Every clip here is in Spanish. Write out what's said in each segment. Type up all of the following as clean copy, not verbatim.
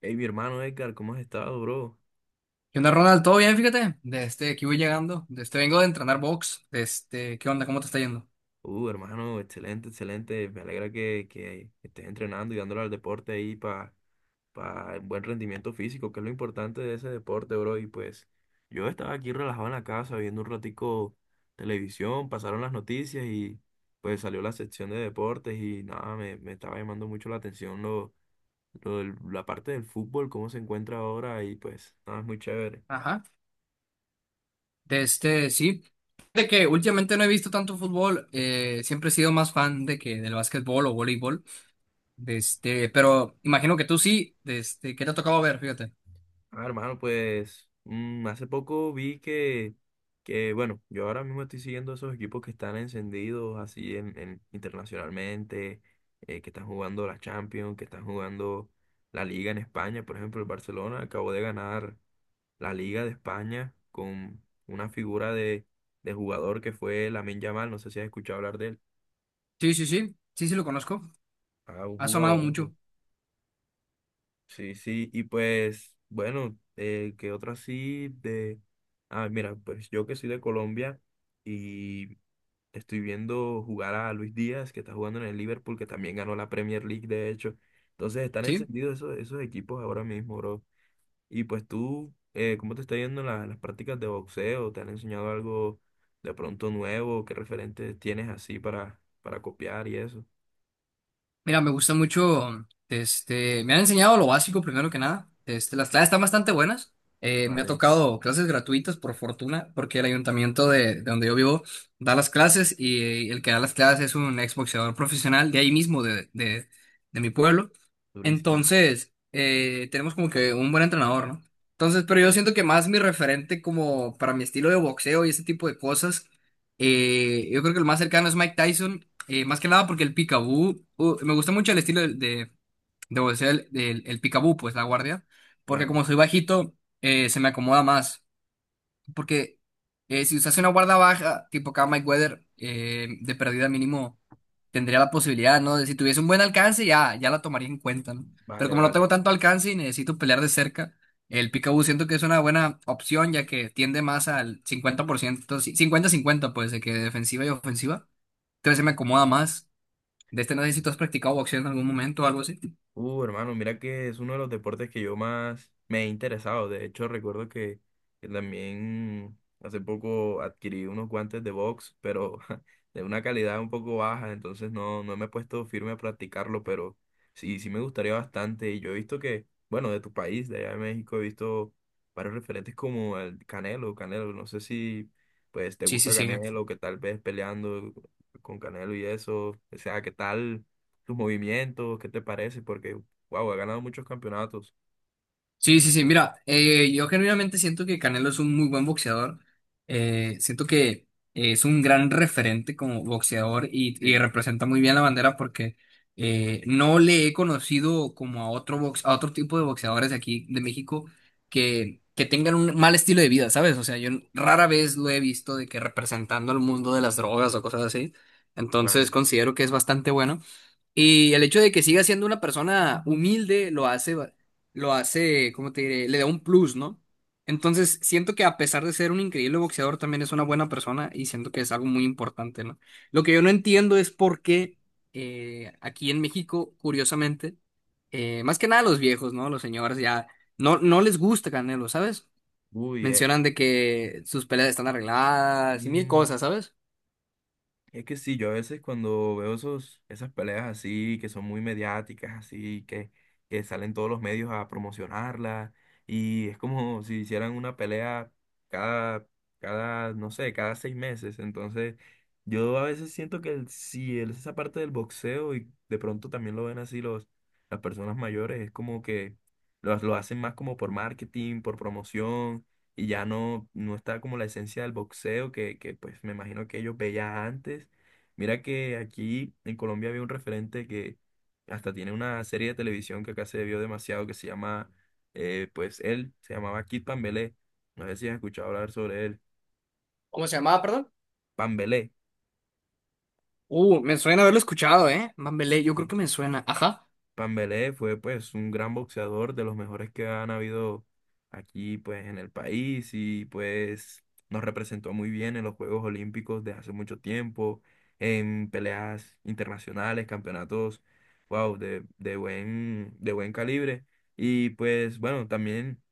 Hey, mi hermano Edgar, ¿cómo has estado, bro? ¿Qué onda, Ronald? ¿Todo bien? Fíjate, aquí voy llegando. Vengo de entrenar box. ¿Qué onda? ¿Cómo te está yendo? Hermano, excelente, excelente. Me alegra que estés entrenando y dándole al deporte ahí para buen rendimiento físico, que es lo importante de ese deporte, bro. Y pues yo estaba aquí relajado en la casa viendo un ratico televisión, pasaron las noticias y pues salió la sección de deportes y nada, me estaba llamando mucho la atención la parte del fútbol, cómo se encuentra ahora y pues nada, es muy chévere. Ajá. Sí. De que últimamente no he visto tanto fútbol. Siempre he sido más fan de que del básquetbol o voleibol. Pero imagino que tú sí. ¿Qué te ha tocado ver? Fíjate. Ah, hermano, pues hace poco vi que, bueno, yo ahora mismo estoy siguiendo esos equipos que están encendidos así internacionalmente, que están jugando la Champions, que están jugando la Liga en España. Por ejemplo, el Barcelona acabó de ganar la Liga de España con una figura de jugador que fue Lamine Yamal. No sé si has escuchado hablar de él. Sí, sí, sí. Sí, sí lo conozco. Ah, un Ha sonado jugador. mucho. Sí, sí, y pues, bueno, ¿qué otro así de? Ah, mira, pues yo que soy de Colombia y estoy viendo jugar a Luis Díaz, que está jugando en el Liverpool, que también ganó la Premier League, de hecho. Entonces están Sí. encendidos esos equipos ahora mismo, bro. Y pues tú, ¿cómo te está yendo en las prácticas de boxeo? ¿Te han enseñado algo de pronto nuevo? ¿Qué referentes tienes así para copiar y eso? Mira, me gusta mucho, me han enseñado lo básico primero que nada. Las clases están bastante buenas. Me ha Vale, tocado clases gratuitas por fortuna, porque el ayuntamiento de donde yo vivo da las clases, y el que da las clases es un exboxeador profesional de ahí mismo, de mi pueblo. durísimo, Entonces, tenemos como que un buen entrenador, ¿no? Entonces, pero yo siento que más mi referente, como para mi estilo de boxeo y ese tipo de cosas, yo creo que el más cercano es Mike Tyson, más que nada porque el picaboo, me gusta mucho el estilo de boxeo, el picaboo, pues la guardia, porque claro. como soy bajito, se me acomoda más. Porque si usas una guarda baja, tipo acá Mike Weather, de pérdida mínimo, tendría la posibilidad, ¿no? De si tuviese un buen alcance, ya la tomaría en cuenta, ¿no? Pero Vale, como no vale. tengo tanto alcance y necesito pelear de cerca, el picaboo siento que es una buena opción, ya que tiende más al 50%, sí, cincuenta cincuenta pues, de que defensiva y ofensiva. Entonces se me Sí. acomoda más. De este no sé si tú has practicado boxeo en algún momento o algo así. Hermano, mira que es uno de los deportes que yo más me he interesado. De hecho, recuerdo que también hace poco adquirí unos guantes de box, pero de una calidad un poco baja, entonces no, no me he puesto firme a practicarlo, pero sí, sí me gustaría bastante. Y yo he visto que, bueno, de tu país, de allá de México, he visto varios referentes como el Canelo, no sé si pues te Sí, sí, gusta sí. Canelo, que tal vez peleando con Canelo y eso, o sea, ¿qué tal tus movimientos, qué te parece? Porque, wow, ha ganado muchos campeonatos. Sí, sí, sí. Mira, yo genuinamente siento que Canelo es un muy buen boxeador. Siento que es un gran referente como boxeador y Sí, representa muy bien la bandera porque no le he conocido como a otro box, a otro tipo de boxeadores de aquí de México que tengan un mal estilo de vida, ¿sabes? O sea, yo rara vez lo he visto de que representando al mundo de las drogas o cosas así. Entonces claro. considero que es bastante bueno. Y el hecho de que siga siendo una persona humilde lo hace, lo hace, ¿cómo te diré? Le da un plus, ¿no? Entonces, siento que a pesar de ser un increíble boxeador, también es una buena persona y siento que es algo muy importante, ¿no? Lo que yo no entiendo es por qué aquí en México, curiosamente, más que nada los viejos, ¿no? Los señores ya no les gusta Canelo, ¿sabes? Uy, Mencionan de que sus peleas están arregladas y mil eh, cosas, ¿sabes? es que sí, yo a veces cuando veo esas peleas así, que son muy mediáticas, así, que salen todos los medios a promocionarla, y es como si hicieran una pelea cada, cada, no sé, cada 6 meses. Entonces, yo a veces siento que el- si el- esa parte del boxeo, y de pronto también lo ven así las personas mayores, es como que lo hacen más como por marketing, por promoción y ya no, no está como la esencia del boxeo que pues me imagino que ellos veían antes. Mira que aquí en Colombia había un referente que hasta tiene una serie de televisión que acá se vio demasiado que se llama, pues él se llamaba Kid Pambelé. No sé si has escuchado hablar sobre él. ¿Cómo se llamaba, perdón? Pambelé. Me suena haberlo escuchado, ¿eh? Mambelé, yo creo Sí. que me suena. Ajá. Pambelé fue pues un gran boxeador, de los mejores que han habido aquí pues en el país y pues nos representó muy bien en los Juegos Olímpicos de hace mucho tiempo, en peleas internacionales, campeonatos, wow, de buen calibre. Y pues bueno, también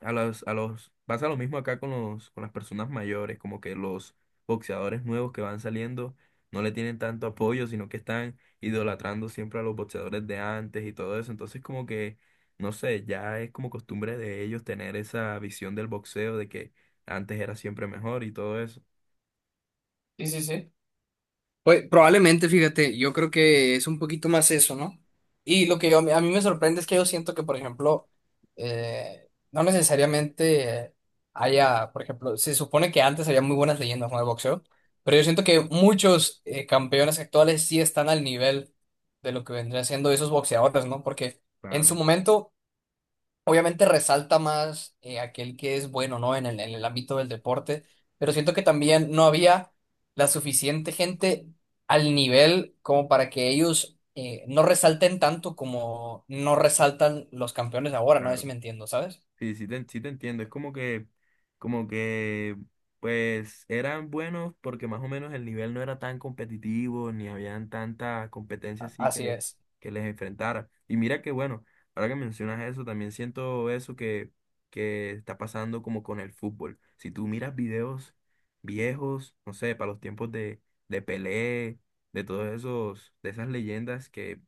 pasa lo mismo acá con con las personas mayores, como que los boxeadores nuevos que van saliendo no le tienen tanto apoyo, sino que están idolatrando siempre a los boxeadores de antes y todo eso. Entonces como que, no sé, ya es como costumbre de ellos tener esa visión del boxeo de que antes era siempre mejor y todo eso. Sí, sí, sí. Pues probablemente, fíjate, yo creo que es un poquito más eso, ¿no? A mí me sorprende es que yo siento que, por ejemplo, no necesariamente haya, por ejemplo, se supone que antes había muy buenas leyendas no de boxeo, pero yo siento que muchos campeones actuales sí están al nivel de lo que vendrían siendo esos boxeadores, ¿no? Porque en su Claro, momento obviamente resalta más aquel que es bueno, ¿no? En el ámbito del deporte, pero siento que también no había la suficiente gente al nivel como para que ellos no resalten tanto como no resaltan los campeones ahora, no sé claro. si me entiendo, ¿sabes? Sí, sí te entiendo. Es como que, pues, eran buenos porque más o menos el nivel no era tan competitivo, ni habían tanta competencia A- así Así es, que les enfrentara. Y mira que, bueno, ahora que mencionas eso, también siento eso que está pasando como con el fútbol. Si tú miras videos viejos, no sé, para los tiempos de Pelé, de todos esos, de esas leyendas que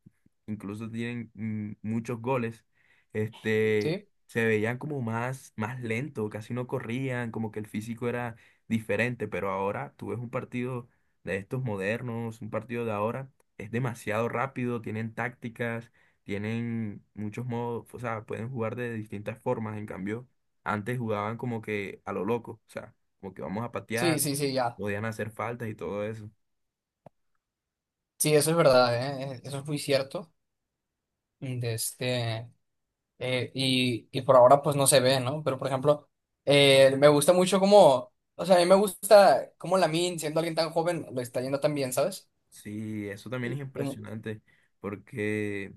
incluso tienen muchos goles. Este, ¿sí? se veían como más, más lento, casi no corrían, como que el físico era diferente, pero ahora tú ves un partido de estos modernos, un partido de ahora, es demasiado rápido, tienen tácticas, tienen muchos modos, o sea, pueden jugar de distintas formas, en cambio, antes jugaban como que a lo loco, o sea, como que vamos a Sí, patear, sí, sí, ya. podían hacer faltas y todo eso. Sí, eso es verdad, ¿eh? Eso es muy cierto. De este... y por ahora pues no se ve, ¿no? Pero por ejemplo, me gusta mucho cómo, o sea, a mí me gusta cómo Lamin, siendo alguien tan joven, lo está yendo tan bien, ¿sabes? Sí, eso también es Y, y- impresionante, porque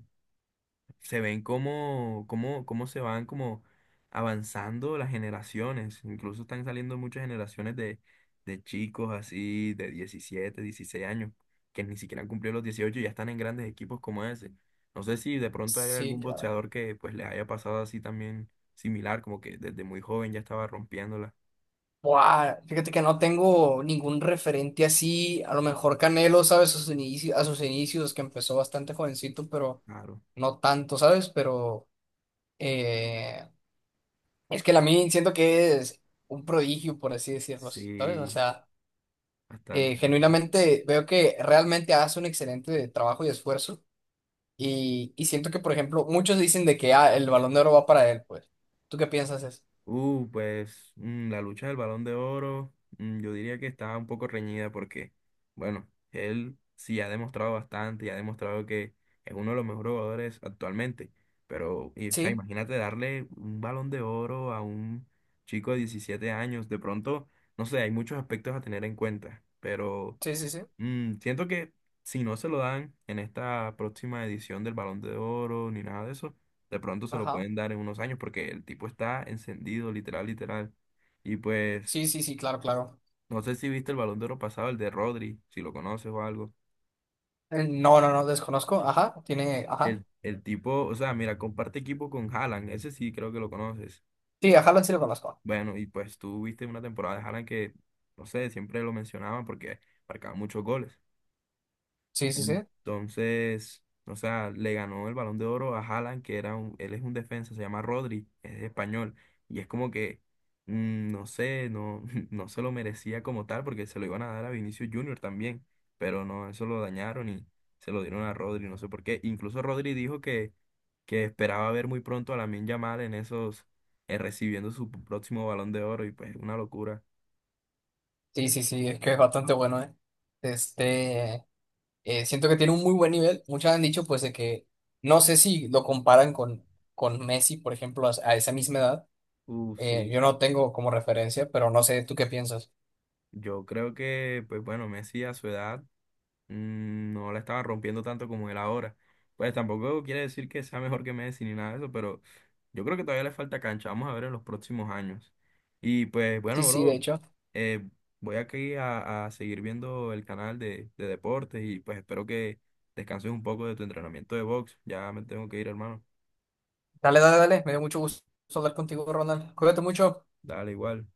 se ven cómo se van como avanzando las generaciones. Incluso están saliendo muchas generaciones de chicos así de 17 16 años, que ni siquiera han cumplido los 18 y ya están en grandes equipos como ese. No sé si de pronto hay sí, algún claro. boxeador que pues le haya pasado así también similar, como que desde muy joven ya estaba rompiéndola. Buah, fíjate que no tengo ningún referente así, a lo mejor Canelo, ¿sabes? A sus inicios, que empezó bastante jovencito, pero Claro, no tanto, ¿sabes? Pero eh, es que Lamin siento que es un prodigio, por así decirlo, ¿sabes? O sí, sea... bastante. genuinamente veo que realmente hace un excelente trabajo y esfuerzo. Y siento que, por ejemplo, muchos dicen de que ah, el Balón de Oro va para él, pues. ¿Tú qué piensas eso? Pues la lucha del Balón de Oro, yo diría que está un poco reñida porque, bueno, él sí ha demostrado bastante y ha demostrado que es uno de los mejores jugadores actualmente. Pero, o sea, Sí, imagínate darle un Balón de Oro a un chico de 17 años. De pronto, no sé, hay muchos aspectos a tener en cuenta, pero sí, sí, sí. Siento que si no se lo dan en esta próxima edición del Balón de Oro ni nada de eso, de pronto se lo Ajá. pueden dar en unos años porque el tipo está encendido, literal, literal. Y pues, Sí, sí, sí, claro, claro. no sé si viste el Balón de Oro pasado, el de Rodri, si lo conoces o algo. No, no, no, desconozco. Ajá, tiene, ajá. El tipo, o sea, mira, comparte equipo con Haaland, ese sí creo que lo conoces. Sí, ajá, sí lo conozco. Bueno, y pues tú viste una temporada de Haaland que, no sé, siempre lo mencionaban porque marcaba muchos goles. Sí, sí, sí. Entonces, o sea, le ganó el Balón de Oro a Haaland, que era él es un defensa, se llama Rodri, es español. Y es como que, no sé, no, no se lo merecía como tal, porque se lo iban a dar a Vinicius Junior también. Pero no, eso lo dañaron y se lo dieron a Rodri, no sé por qué. Incluso Rodri dijo que esperaba ver muy pronto a Lamine Yamal en esos, recibiendo su próximo Balón de Oro, y pues una locura. Sí, sí, sí, es que es bastante bueno, ¿eh? Este, siento que tiene un muy buen nivel. Muchos han dicho, pues, de que no sé si lo comparan con Messi, por ejemplo, a esa misma edad. Sí. Yo no tengo como referencia, pero no sé tú qué piensas. Yo creo que, pues bueno, Messi a su edad, no la estaba rompiendo tanto como él ahora. Pues tampoco quiere decir que sea mejor que Messi ni nada de eso, pero yo creo que todavía le falta cancha. Vamos a ver en los próximos años. Y pues Sí, bueno, sí, de bro, hecho. eh, voy aquí a seguir viendo el canal de deportes y pues espero que descanses un poco de tu entrenamiento de box. Ya me tengo que ir, hermano. Dale, dale, dale. Me dio mucho gusto hablar contigo, Ronald. Cuídate mucho. Dale igual.